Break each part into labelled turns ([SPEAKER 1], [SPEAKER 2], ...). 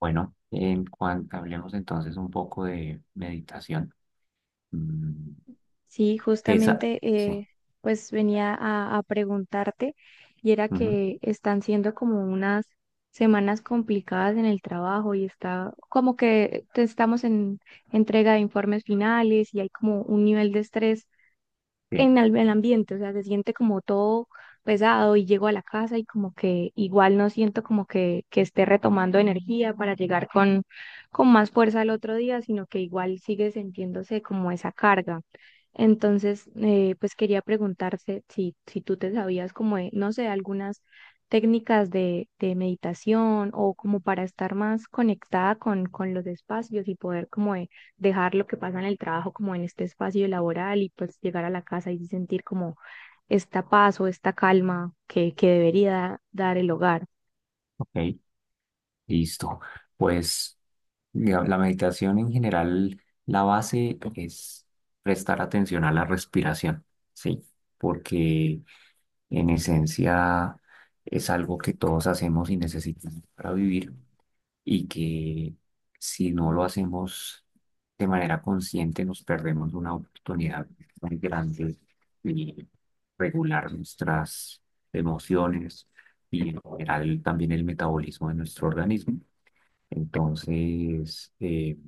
[SPEAKER 1] Bueno, en cuanto hablemos entonces un poco de meditación. Mm,
[SPEAKER 2] Sí,
[SPEAKER 1] que esa,
[SPEAKER 2] justamente
[SPEAKER 1] sí,
[SPEAKER 2] pues venía a preguntarte y era
[SPEAKER 1] ujú,
[SPEAKER 2] que están siendo como unas semanas complicadas en el trabajo y está como que estamos en entrega de informes finales y hay como un nivel de estrés
[SPEAKER 1] sí,
[SPEAKER 2] en el ambiente, o sea, se siente como todo pesado y llego a la casa y como que igual no siento como que esté retomando energía para llegar con más fuerza al otro día, sino que igual sigue sintiéndose como esa carga. Entonces, pues quería preguntarte si tú te sabías como, de, no sé, algunas técnicas de meditación o como para estar más conectada con los espacios y poder como de dejar lo que pasa en el trabajo como en este espacio laboral y pues llegar a la casa y sentir como esta paz o esta calma que debería dar el hogar.
[SPEAKER 1] ok, listo. Pues digamos, la meditación en general, la base es prestar atención a la respiración, sí, porque en esencia es algo que todos hacemos y necesitamos para vivir. Y que si no lo hacemos de manera consciente nos perdemos una oportunidad muy grande de regular nuestras emociones y en general también el metabolismo de nuestro organismo. Entonces,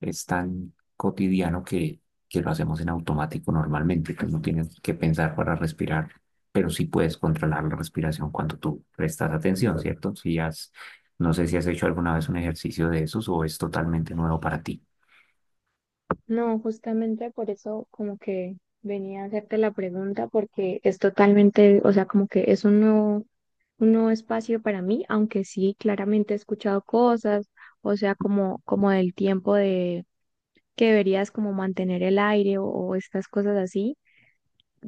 [SPEAKER 1] es tan cotidiano que, lo hacemos en automático normalmente, que no tienes que pensar para respirar, pero sí puedes controlar la respiración cuando tú prestas atención, ¿cierto? No sé si has hecho alguna vez un ejercicio de esos o es totalmente nuevo para ti.
[SPEAKER 2] No, justamente por eso como que venía a hacerte la pregunta porque es totalmente, o sea, como que es un nuevo espacio para mí, aunque sí, claramente he escuchado cosas, o sea, como, como del tiempo de que deberías como mantener el aire o estas cosas así,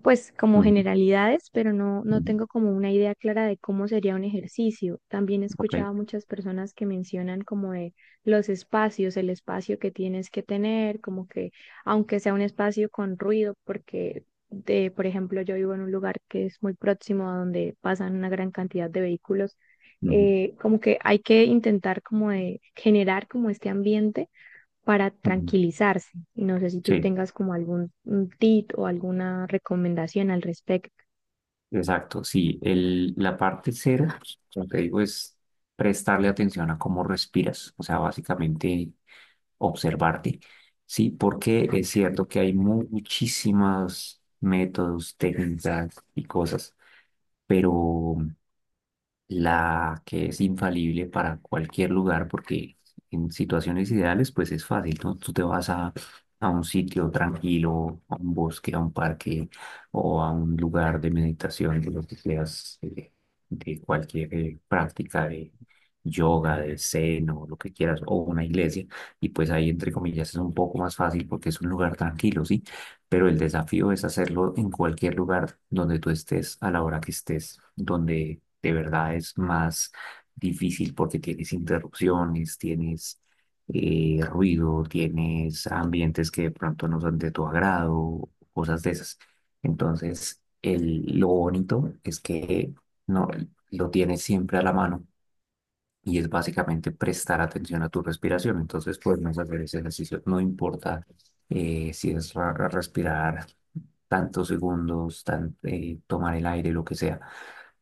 [SPEAKER 2] pues como
[SPEAKER 1] Ujú,
[SPEAKER 2] generalidades, pero no, no
[SPEAKER 1] ujú,
[SPEAKER 2] tengo como una idea clara de cómo sería un ejercicio. También he
[SPEAKER 1] ok,
[SPEAKER 2] escuchado a muchas personas que mencionan como de los espacios, el espacio que tienes que tener, como que aunque sea un espacio con ruido, porque de, por ejemplo, yo vivo en un lugar que es muy próximo a donde pasan una gran cantidad de vehículos,
[SPEAKER 1] ujú,
[SPEAKER 2] como que hay que intentar como de generar como este ambiente para
[SPEAKER 1] ujú.
[SPEAKER 2] tranquilizarse. No sé si tú
[SPEAKER 1] Sí,
[SPEAKER 2] tengas como algún un tip o alguna recomendación al respecto.
[SPEAKER 1] exacto. Sí, la parte cera, como te digo, es prestarle atención a cómo respiras. O sea, básicamente observarte, ¿sí? Porque es cierto que hay muchísimos métodos, técnicas y cosas, pero la que es infalible para cualquier lugar, porque en situaciones ideales, pues es fácil, ¿no? Tú te vas a un sitio tranquilo, a un bosque, a un parque o a un lugar de meditación, de lo que seas, de cualquier práctica de yoga, de zen o lo que quieras, o una iglesia, y pues ahí, entre comillas, es un poco más fácil porque es un lugar tranquilo, ¿sí? Pero el desafío es hacerlo en cualquier lugar donde tú estés, a la hora que estés, donde de verdad es más difícil porque tienes interrupciones, tienes ruido, tienes ambientes que de pronto no son de tu agrado, cosas de esas. Entonces, lo bonito es que no lo tienes siempre a la mano y es básicamente prestar atención a tu respiración. Entonces podemos hacer ese ejercicio. No importa si es respirar tantos segundos, tomar el aire, lo que sea,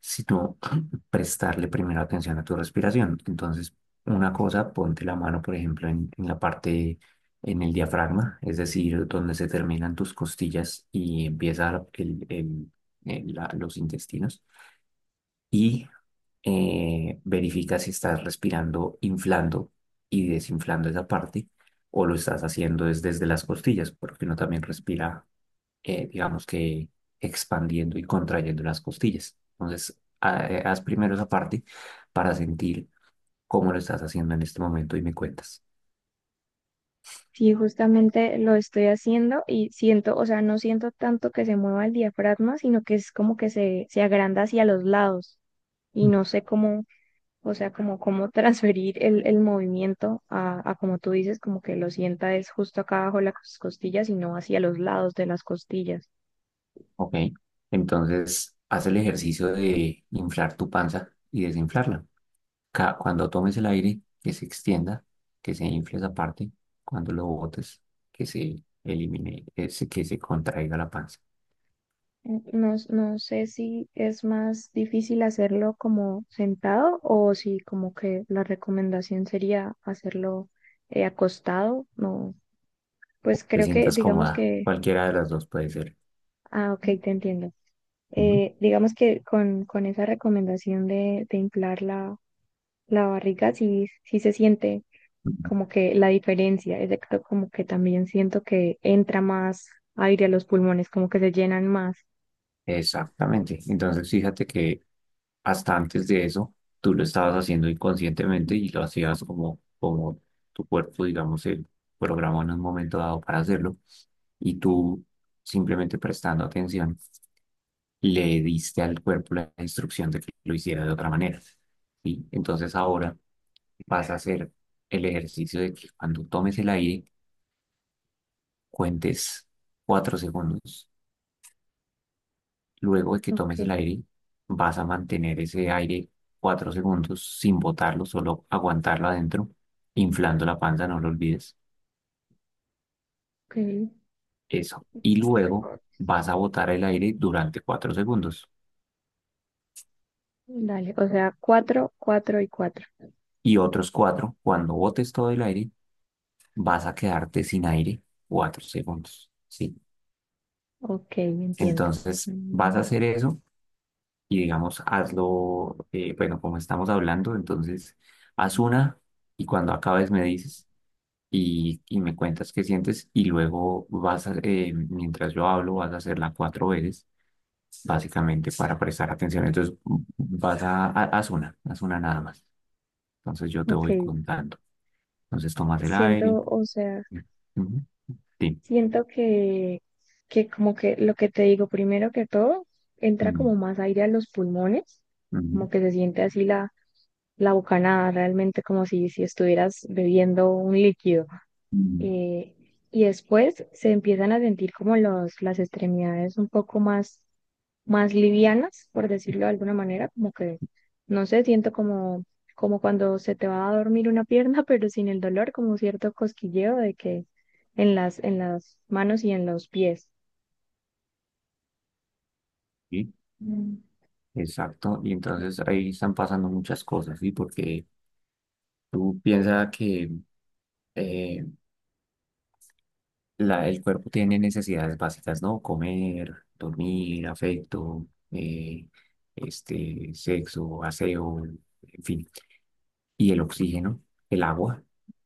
[SPEAKER 1] sino prestarle primero atención a tu respiración. Entonces, una cosa, ponte la mano, por ejemplo, en, la parte, en el diafragma, es decir, donde se terminan tus costillas y empieza los intestinos. Y verifica si estás respirando inflando y desinflando esa parte o lo estás haciendo es desde las costillas, porque uno también respira, digamos que expandiendo y contrayendo las costillas. Entonces, haz primero esa parte para sentir cómo lo estás haciendo en este momento y me cuentas.
[SPEAKER 2] Sí, justamente lo estoy haciendo y siento, o sea, no siento tanto que se mueva el diafragma, sino que es como que se agranda hacia los lados y
[SPEAKER 1] Mm.
[SPEAKER 2] no sé cómo, o sea, como cómo transferir el movimiento a, como tú dices, como que lo sienta es justo acá abajo de las costillas y no hacia los lados de las costillas.
[SPEAKER 1] Ok, entonces haz el ejercicio de inflar tu panza y desinflarla. Cuando tomes el aire, que se extienda, que se infle esa parte, cuando lo botes, que se elimine, que se contraiga la panza.
[SPEAKER 2] No, no sé si es más difícil hacerlo como sentado o si como que la recomendación sería hacerlo acostado. No, pues
[SPEAKER 1] Te
[SPEAKER 2] creo que
[SPEAKER 1] sientas
[SPEAKER 2] digamos
[SPEAKER 1] cómoda,
[SPEAKER 2] que,
[SPEAKER 1] cualquiera de las dos puede ser.
[SPEAKER 2] ah, ok, te entiendo.
[SPEAKER 1] Ujú,
[SPEAKER 2] Digamos que con esa recomendación de inflar la, la barriga sí, sí se siente
[SPEAKER 1] ujú.
[SPEAKER 2] como que la diferencia, es de excepto como que también siento que entra más aire a los pulmones, como que se llenan más.
[SPEAKER 1] Exactamente. Entonces, fíjate que hasta antes de eso, tú lo estabas haciendo inconscientemente y lo hacías como, tu cuerpo, digamos, se programó en un momento dado para hacerlo y tú simplemente prestando atención le diste al cuerpo la instrucción de que lo hiciera de otra manera. ¿Sí? Entonces ahora vas a hacer el ejercicio de que cuando tomes el aire, cuentes 4 segundos. Luego de que
[SPEAKER 2] Ok,
[SPEAKER 1] tomes el aire, vas a mantener ese aire 4 segundos sin botarlo, solo aguantarlo adentro, inflando la panza, no lo olvides. Eso. Y luego
[SPEAKER 2] ok.
[SPEAKER 1] vas a botar el aire durante 4 segundos.
[SPEAKER 2] Dale, o sea, cuatro, cuatro y cuatro.
[SPEAKER 1] Y otros cuatro, cuando botes todo el aire, vas a quedarte sin aire 4 segundos, ¿sí?
[SPEAKER 2] Ok, entiendo.
[SPEAKER 1] Entonces, vas a
[SPEAKER 2] Mm,
[SPEAKER 1] hacer eso y digamos, hazlo, bueno, como estamos hablando, entonces, haz una y cuando acabes me dices y me cuentas qué sientes y luego vas a, mientras yo hablo, vas a hacerla 4 veces, básicamente para prestar atención. Entonces, vas a- haz una nada más. Entonces, yo te
[SPEAKER 2] ok,
[SPEAKER 1] voy contando. Entonces, tomas el aire.
[SPEAKER 2] siento, o sea,
[SPEAKER 1] Ujú, sí.
[SPEAKER 2] siento que como que lo que te digo, primero que todo, entra
[SPEAKER 1] Mm,
[SPEAKER 2] como más aire a los pulmones,
[SPEAKER 1] ujú,
[SPEAKER 2] como que se siente así la, la bocanada, realmente como si, si estuvieras bebiendo un líquido.
[SPEAKER 1] mm,
[SPEAKER 2] eh, y después se empiezan a sentir como los, las extremidades un poco más, más livianas, por decirlo de alguna manera, como que, no sé, siento como, como cuando se te va a dormir una pierna, pero sin el dolor, como cierto cosquilleo de que en las manos y en los pies.
[SPEAKER 1] sí.
[SPEAKER 2] Mm,
[SPEAKER 1] Exacto, y entonces ahí están pasando muchas cosas, ¿sí? Porque tú piensas que eh, el cuerpo tiene necesidades básicas, ¿no? Comer, dormir, afecto, sexo, aseo, en fin. Y el oxígeno, el agua,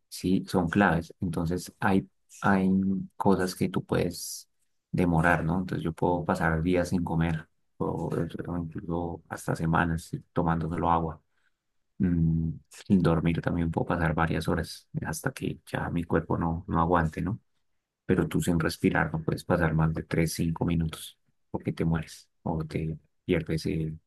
[SPEAKER 1] ¿sí? Son claves. Entonces hay cosas que tú puedes demorar, ¿no? Entonces yo puedo pasar días sin comer, o, o incluso hasta semanas, ¿sí? Tomándoselo agua. Sin dormir también puedo pasar varias horas hasta que ya mi cuerpo no aguante, ¿no? Pero tú sin respirar no puedes pasar más de 3 5 minutos porque te mueres o te pierdes,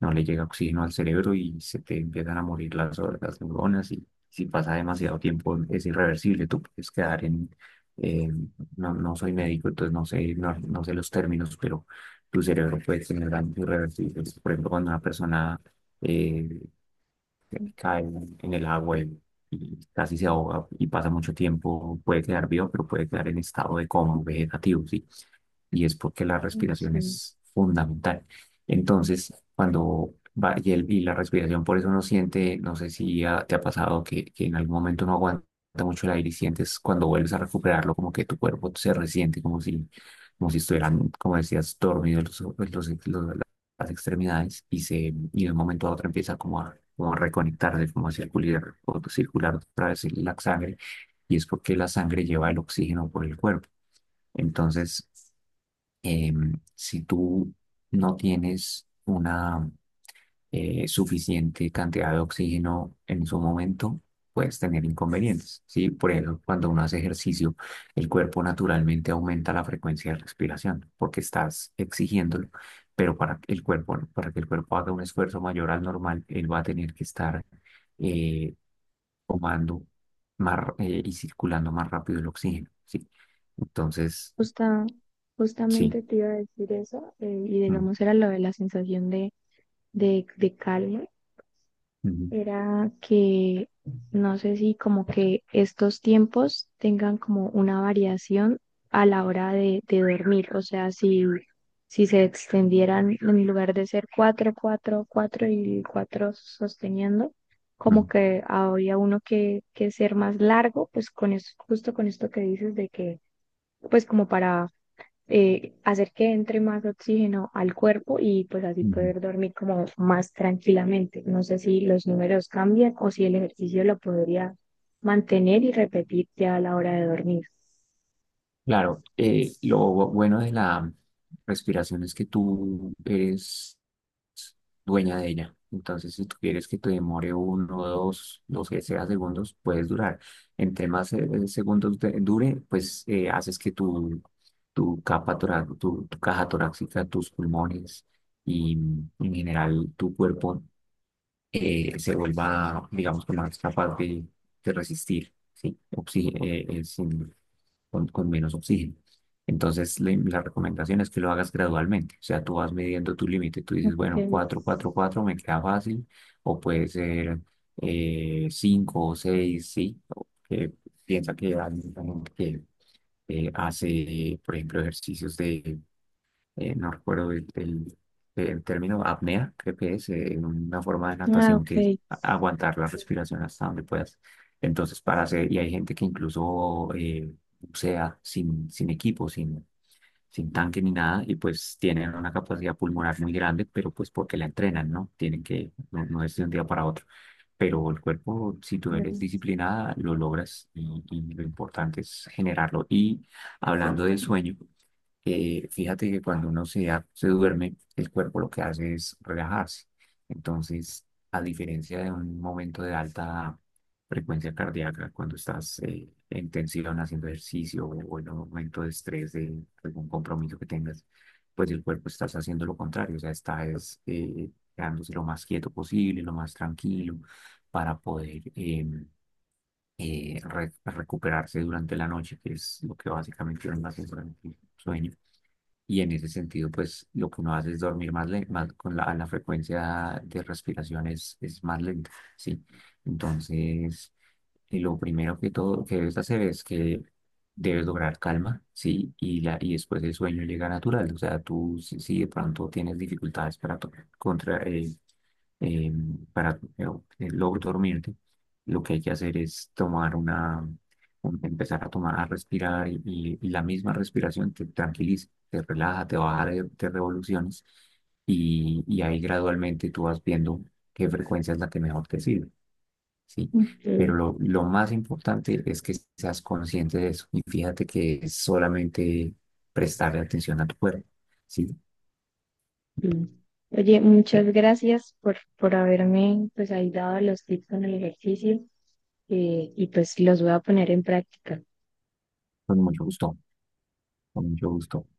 [SPEAKER 1] no le llega oxígeno al cerebro y se te empiezan a morir las neuronas y si pasa demasiado tiempo es irreversible, tú puedes quedar en. eh, no, no soy médico, entonces no sé los términos, pero tu cerebro puede tener daños irreversibles. Por ejemplo, cuando una persona eh, cae en, el agua y casi se ahoga y pasa mucho tiempo, puede quedar vivo, pero puede quedar en estado de coma vegetativo, ¿sí? Y es porque la
[SPEAKER 2] mm,
[SPEAKER 1] respiración
[SPEAKER 2] sí.
[SPEAKER 1] es fundamental. Entonces, cuando va y la respiración, por eso uno siente, no sé si te ha pasado que, en algún momento no aguanta mucho el aire y sientes cuando vuelves a recuperarlo como que tu cuerpo se resiente, como si estuvieran, como decías, dormidos las extremidades y de un momento a otro empieza como a, como a reconectarse, como a circular, o circular otra vez la sangre y es porque la sangre lleva el oxígeno por el cuerpo. Entonces, si tú no tienes una suficiente cantidad de oxígeno en su momento, puedes tener inconvenientes, ¿sí? Por ejemplo, cuando uno hace ejercicio, el cuerpo naturalmente aumenta la frecuencia de respiración porque estás exigiéndolo, pero para que el cuerpo haga un esfuerzo mayor al normal, él va a tener que estar eh, tomando más, y circulando más rápido el oxígeno, ¿sí? Entonces,
[SPEAKER 2] Justa-
[SPEAKER 1] sí.
[SPEAKER 2] Justamente te iba a decir eso, y
[SPEAKER 1] Mm,
[SPEAKER 2] digamos era lo de la sensación de calma
[SPEAKER 1] ujú,
[SPEAKER 2] era que no sé si como que estos tiempos tengan como una variación a la hora de dormir, o sea, si, si se extendieran en lugar de ser cuatro, cuatro, cuatro y cuatro sosteniendo, como
[SPEAKER 1] ujú.
[SPEAKER 2] que habría uno que ser más largo, pues con justo con esto que dices de que, pues como para hacer que entre más oxígeno al cuerpo y pues así
[SPEAKER 1] Ujú.
[SPEAKER 2] poder dormir como más tranquilamente. No sé si los números cambian o si el ejercicio lo podría mantener y repetir ya a la hora de dormir.
[SPEAKER 1] Claro, lo bueno de la respiración es que tú eres dueña de ella. Entonces, si tú quieres que te demore uno, dos, los que sea segundos, puedes durar. Entre más segundos dure, pues haces que tu capa tora- tu caja torácica, tus pulmones y en general tu cuerpo se vuelva, digamos, que más capaz de resistir, ¿sí? Con menos oxígeno. Entonces, la recomendación es que lo hagas gradualmente. O sea, tú vas midiendo tu límite. Tú dices,
[SPEAKER 2] Ok.
[SPEAKER 1] bueno, 4 4 4 me queda fácil, o puede ser 5 o seis, ¿sí? O que piensa que hay mucha gente que hace, por ejemplo, ejercicios de no recuerdo el término apnea, creo que es una forma de
[SPEAKER 2] Ah,
[SPEAKER 1] natación que es
[SPEAKER 2] ok.
[SPEAKER 1] aguantar la respiración hasta donde puedas. Entonces, y hay gente que incluso bucea sin equipo, sin tanque ni nada, y pues tienen una capacidad pulmonar muy grande, pero pues porque la entrenan, ¿no? No, no es de un día para otro. Pero el cuerpo, si tú eres
[SPEAKER 2] Ok.
[SPEAKER 1] disciplinada, lo logras y lo importante es generarlo. Y hablando de sueño, fíjate que cuando uno se duerme, el cuerpo lo que hace es relajarse. Entonces, a diferencia de un momento de alta frecuencia cardíaca, cuando estás en tensión haciendo ejercicio o en un momento de estrés de algún compromiso que tengas, pues el cuerpo estás haciendo lo contrario, o sea, estás quedándose lo más quieto posible, lo más tranquilo, para poder recuperarse durante la noche, que es lo que básicamente es la sensación del sueño y en ese sentido, pues lo que uno hace es dormir más, más con la frecuencia de respiración es más lenta, ¿sí? Entonces, y lo primero que todo que debes hacer es que debes lograr calma, ¿sí? Y después el sueño llega natural. O sea, tú si, de pronto tienes dificultades para, to- contra, eh, para lograr dormirte, lo que hay que hacer es tomar empezar a respirar y la misma respiración te tranquiliza, te relaja, te baja de revoluciones y ahí gradualmente tú vas viendo qué frecuencia es la que mejor te sirve. ¿Sí? Pero lo más importante es que seas consciente de eso y fíjate que es solamente prestarle atención a tu cuerpo, ¿sí?
[SPEAKER 2] Mm. Oye, muchas gracias por haberme pues ahí dado los tips con el ejercicio y pues los voy a poner en práctica.
[SPEAKER 1] Con mucho gusto, con mucho gusto.